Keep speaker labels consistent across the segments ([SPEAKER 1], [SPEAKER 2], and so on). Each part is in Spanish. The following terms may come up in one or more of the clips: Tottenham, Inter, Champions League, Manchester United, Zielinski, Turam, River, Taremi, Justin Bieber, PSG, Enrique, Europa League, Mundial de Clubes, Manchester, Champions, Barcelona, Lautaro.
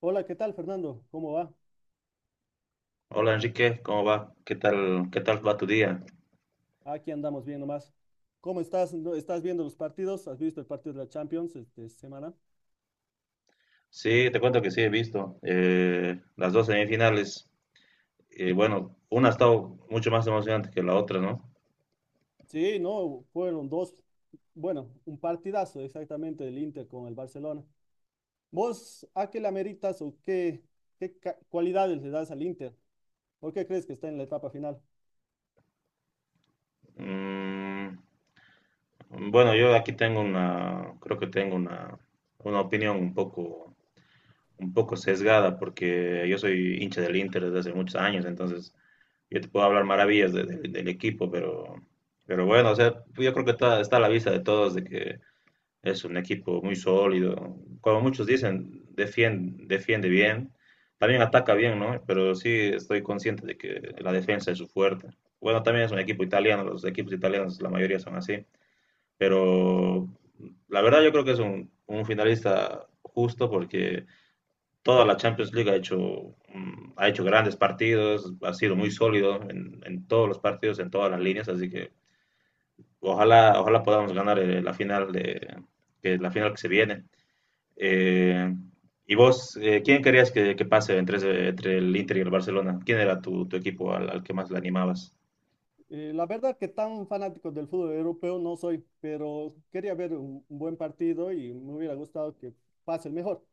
[SPEAKER 1] Hola, ¿qué tal, Fernando? ¿Cómo va?
[SPEAKER 2] Hola Enrique, ¿cómo va? Qué tal va tu día?
[SPEAKER 1] Aquí andamos bien nomás. ¿Cómo estás? ¿Estás viendo los partidos? ¿Has visto el partido de la Champions esta semana?
[SPEAKER 2] Sí, te cuento que sí he visto las dos semifinales. Y bueno, una ha estado mucho más emocionante que la otra, ¿no?
[SPEAKER 1] Sí, no, fueron dos, bueno, un partidazo exactamente del Inter con el Barcelona. ¿Vos a qué le ameritas o qué, qué cualidades le das al Inter? ¿Por qué crees que está en la etapa final?
[SPEAKER 2] Mm, bueno, yo aquí tengo una, creo que tengo una opinión un poco sesgada porque yo soy hincha del Inter desde hace muchos años, entonces yo te puedo hablar maravillas del equipo, pero bueno, o sea, yo creo que está a la vista de todos de que es un equipo muy sólido. Como muchos dicen, defiende, defiende bien. También ataca bien, ¿no? Pero sí estoy consciente de que la defensa es su fuerte. Bueno, también es un equipo italiano. Los equipos italianos, la mayoría son así. Pero la verdad yo creo que es un finalista justo porque toda la Champions League ha hecho grandes partidos, ha sido muy sólido en todos los partidos, en todas las líneas, así que ojalá podamos ganar la final de que es la final que se viene. Eh, ¿y vos, quién querías que pase entre el Inter y el Barcelona? ¿Quién era tu equipo al que más le animabas?
[SPEAKER 1] La verdad que tan fanático del fútbol europeo no soy, pero quería ver un buen partido y me hubiera gustado que pase el mejor.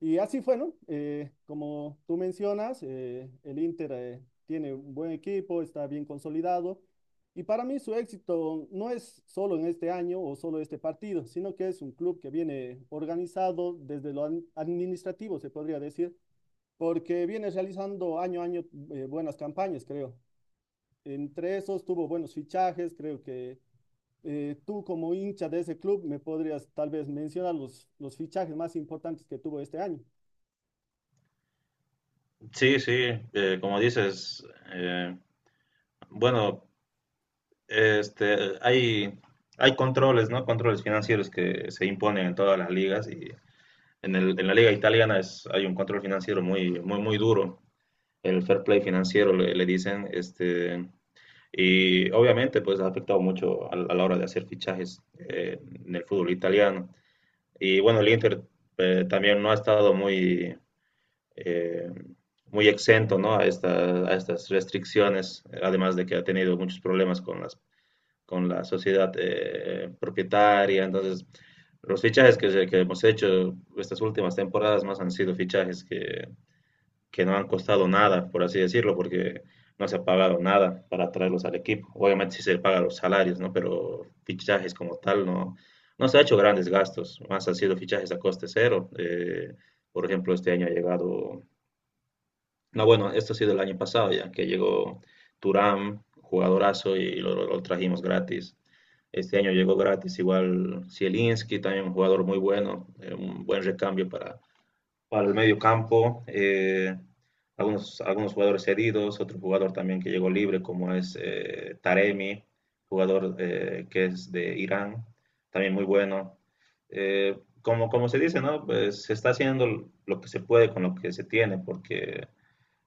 [SPEAKER 1] Y así fue, ¿no? Como tú mencionas, el Inter tiene un buen equipo, está bien consolidado. Y para mí su éxito no es solo en este año o solo este partido, sino que es un club que viene organizado desde lo administrativo, se podría decir, porque viene realizando año a año buenas campañas, creo, entre esos tuvo buenos fichajes, creo que tú como hincha de ese club me podrías tal vez mencionar los fichajes más importantes que tuvo este año.
[SPEAKER 2] Sí, sí, como dices, eh, bueno, este, hay, hay controles, ¿no? Controles financieros que se imponen en todas las ligas y en la liga italiana hay un control financiero muy, muy, muy duro. El fair play financiero le dicen, y obviamente pues ha afectado mucho a la hora de hacer fichajes en el fútbol italiano. Y bueno, el Inter también no ha estado eh, muy exento, ¿no? A estas restricciones, además de que ha tenido muchos problemas con la sociedad propietaria. Entonces, los fichajes que hemos hecho estas últimas temporadas más han sido fichajes que no han costado nada, por así decirlo, porque no se ha pagado nada para traerlos al equipo. Obviamente sí se pagan los salarios, ¿no? Pero fichajes como tal no, no se ha hecho grandes gastos, más han sido fichajes a coste cero. Por ejemplo, este año ha llegado, no, bueno, esto ha sido el año pasado ya, que llegó Turam, jugadorazo, y lo trajimos gratis. Este año llegó gratis igual Zielinski, también un jugador muy bueno, un buen recambio para el medio campo, algunos jugadores cedidos, otro jugador también que llegó libre como es Taremi, jugador que es de Irán, también muy bueno. Como, como se dice, ¿no? Pues se está haciendo lo que se puede con lo que se tiene, porque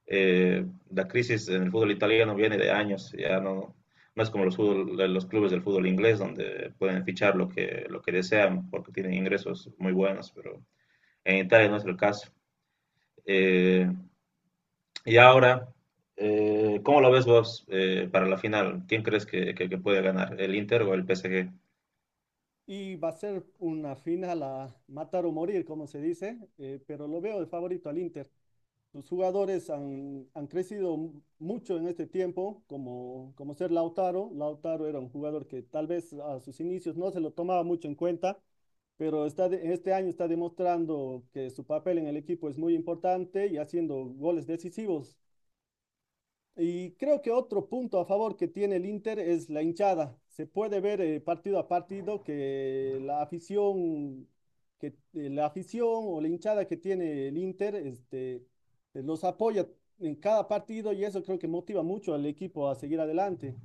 [SPEAKER 2] eh, la crisis en el fútbol italiano viene de años, ya no. No es como los clubes del fútbol inglés, donde pueden fichar lo que desean porque tienen ingresos muy buenos, pero en Italia no es el caso. Eh, y ahora, ¿cómo lo ves vos para la final? ¿Quién crees que puede ganar, el Inter o el PSG?
[SPEAKER 1] Y va a ser una final a matar o morir, como se dice, pero lo veo de favorito al Inter. Sus jugadores han crecido mucho en este tiempo, como ser Lautaro. Lautaro era un jugador que tal vez a sus inicios no se lo tomaba mucho en cuenta, pero en este año está demostrando que su papel en el equipo es muy importante y haciendo goles decisivos. Y creo que otro punto a favor que tiene el Inter es la hinchada. Se puede ver partido a partido que la afición o la hinchada que tiene el Inter, este, los apoya en cada partido y eso creo que motiva mucho al equipo a seguir adelante.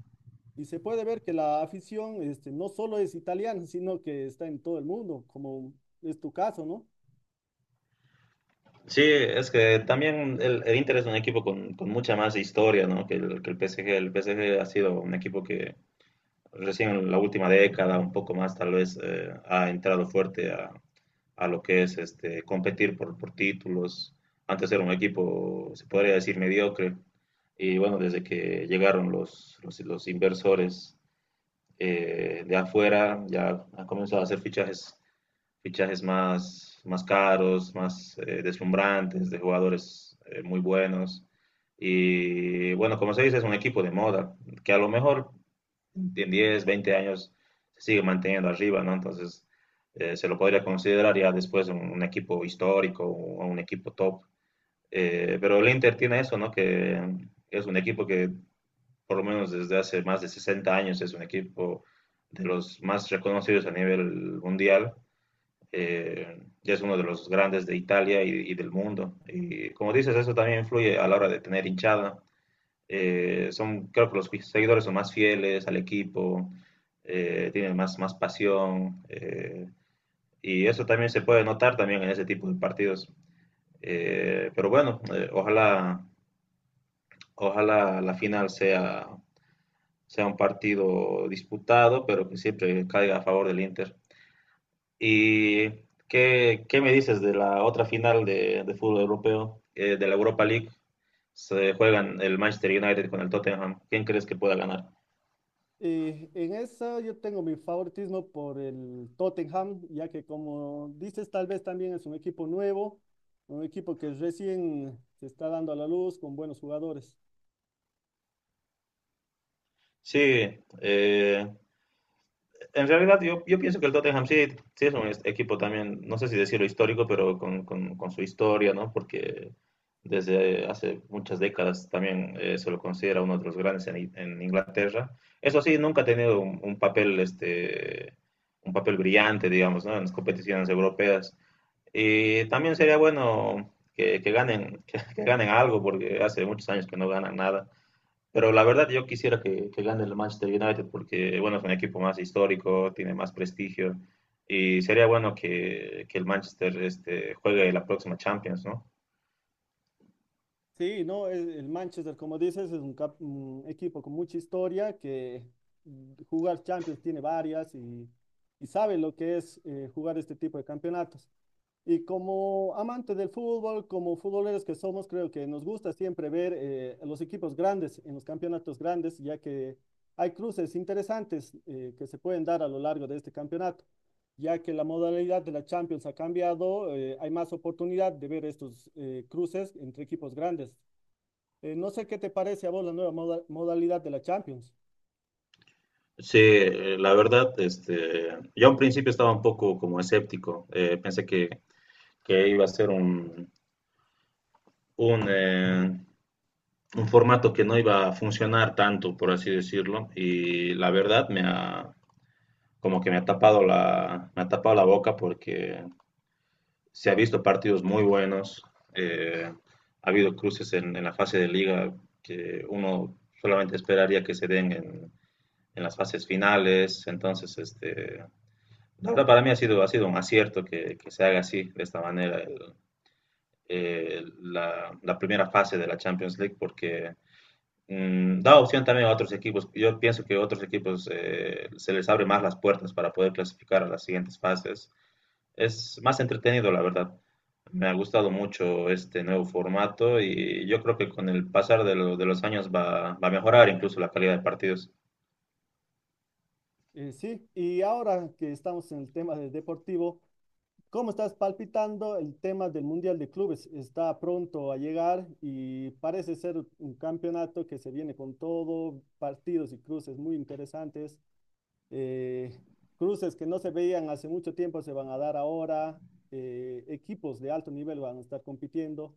[SPEAKER 1] Y se puede ver que la afición, este, no solo es italiana, sino que está en todo el mundo, como es tu caso, ¿no?
[SPEAKER 2] Sí, es que también el Inter es un equipo con mucha más historia, ¿no? que el PSG. El PSG ha sido un equipo que recién en la última década, un poco más tal vez, ha entrado fuerte a lo que es competir por títulos. Antes era un equipo, se podría decir, mediocre. Y bueno, desde que llegaron los inversores de afuera ya ha comenzado a hacer fichajes, fichajes más caros, más deslumbrantes, de jugadores muy buenos. Y bueno, como se dice, es un equipo de moda, que a lo mejor en 10 20 años se sigue manteniendo arriba, ¿no? Entonces se lo podría considerar ya después un, equipo histórico o un equipo top. Pero el Inter tiene eso, ¿no? Que es un equipo que por lo menos desde hace más de 60 años, es un equipo de los más reconocidos a nivel mundial. Ya es uno de los grandes de Italia del mundo. Y como dices, eso también influye a la hora de tener hinchada. Creo que los seguidores son más fieles al equipo, tienen más pasión. Y eso también se puede notar también en ese tipo de partidos. Pero bueno, ojalá la final sea un partido disputado, pero que siempre caiga a favor del Inter. ¿Y qué me dices de la otra final de fútbol europeo, de la Europa League? Se juegan el Manchester United con el Tottenham. ¿Quién crees que pueda ganar?
[SPEAKER 1] En esa yo tengo mi favoritismo por el Tottenham, ya que como dices, tal vez también es un equipo nuevo, un equipo que recién se está dando a la luz con buenos jugadores.
[SPEAKER 2] Sí, eh, en realidad, yo pienso que el Tottenham sí, sí es un equipo también, no sé si decirlo histórico, pero con su historia, ¿no? Porque desde hace muchas décadas también se lo considera uno de los grandes en Inglaterra. Eso sí, nunca ha tenido un papel, un papel brillante, digamos, ¿no? En las competiciones europeas. Y también sería bueno que ganen, que ganen algo, porque hace muchos años que no ganan nada. Pero la verdad yo quisiera que gane el Manchester United porque, bueno, es un equipo más histórico, tiene más prestigio y sería bueno que el Manchester juegue la próxima Champions, ¿no?
[SPEAKER 1] Sí, no, el Manchester, como dices, es un, un equipo con mucha historia que mm, jugar Champions tiene varias y sabe lo que es jugar este tipo de campeonatos. Y como amantes del fútbol, como futboleros que somos, creo que nos gusta siempre ver los equipos grandes en los campeonatos grandes, ya que hay cruces interesantes que se pueden dar a lo largo de este campeonato, ya que la modalidad de la Champions ha cambiado, hay más oportunidad de ver estos cruces entre equipos grandes. No sé qué te parece a vos la nueva modalidad de la Champions.
[SPEAKER 2] Sí, la verdad, yo al principio estaba un poco como escéptico, pensé que iba a ser un, eh, un formato que no iba a funcionar tanto, por así decirlo, y la verdad como que me ha tapado la boca porque se ha visto partidos muy buenos, eh, ha habido cruces en la fase de liga que uno solamente esperaría que se den en las fases finales. Entonces, la verdad para mí ha sido un acierto que se haga así, de esta manera, la primera fase de la Champions League, porque da opción también a otros equipos. Yo pienso que a otros equipos se les abre más las puertas para poder clasificar a las siguientes fases. Es más entretenido, la verdad. Me ha gustado mucho este nuevo formato y yo creo que con el pasar de los años va a mejorar incluso la calidad de partidos.
[SPEAKER 1] Sí, y ahora que estamos en el tema del deportivo. ¿Cómo estás palpitando el tema del Mundial de Clubes? Está pronto a llegar y parece ser un campeonato que se viene con todo, partidos y cruces muy interesantes. eh, Cruces que no se veían hace mucho tiempo se van a dar ahora. Equipos de alto nivel van a estar compitiendo.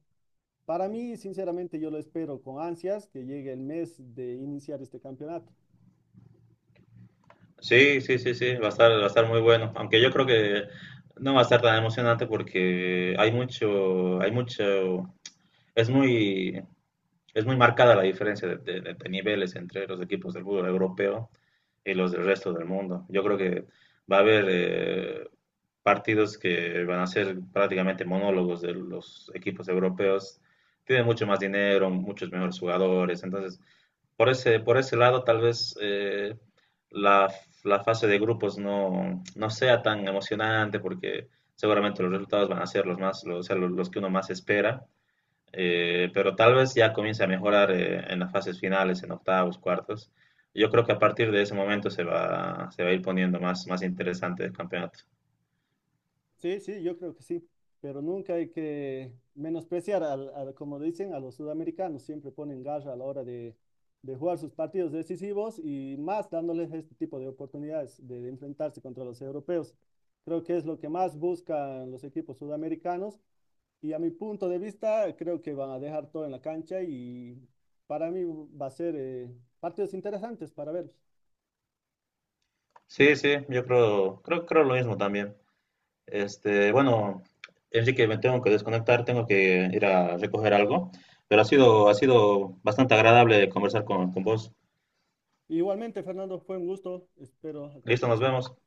[SPEAKER 1] Para mí, sinceramente, yo lo espero con ansias que llegue el mes de iniciar este campeonato.
[SPEAKER 2] Sí, sí, sí, sí, va a estar muy bueno, aunque yo creo que no va a estar tan emocionante porque es muy, es muy marcada la diferencia de niveles entre los equipos del fútbol europeo y los del resto del mundo. Yo creo que va a haber, partidos que van a ser prácticamente monólogos de los equipos europeos. Tienen mucho más dinero, muchos mejores jugadores. Entonces, por ese lado, tal vez la, fase de grupos no sea tan emocionante porque seguramente los resultados van a ser los, o sea, los que uno más espera. Pero tal vez ya comience a mejorar en las fases finales, en octavos, cuartos. Yo creo que a partir de ese momento se va a ir poniendo más interesante el campeonato.
[SPEAKER 1] Sí, sí, yo creo que sí, pero nunca hay que menospreciar, al, como dicen, a los sudamericanos, siempre ponen garra a la hora de jugar sus partidos decisivos y más dándoles este tipo de oportunidades de enfrentarse contra los europeos. Creo que es lo que más buscan los equipos sudamericanos y a mi punto de vista creo que van a dejar todo en la cancha y para mí va a ser partidos interesantes para verlos.
[SPEAKER 2] Sí, sí, yo creo lo mismo también. Bueno, Enrique, me tengo que desconectar, tengo que ir a recoger algo, pero ha sido bastante agradable conversar con vos.
[SPEAKER 1] Igualmente, Fernando, fue un gusto, espero hasta la
[SPEAKER 2] Listo, nos
[SPEAKER 1] próxima.
[SPEAKER 2] vemos.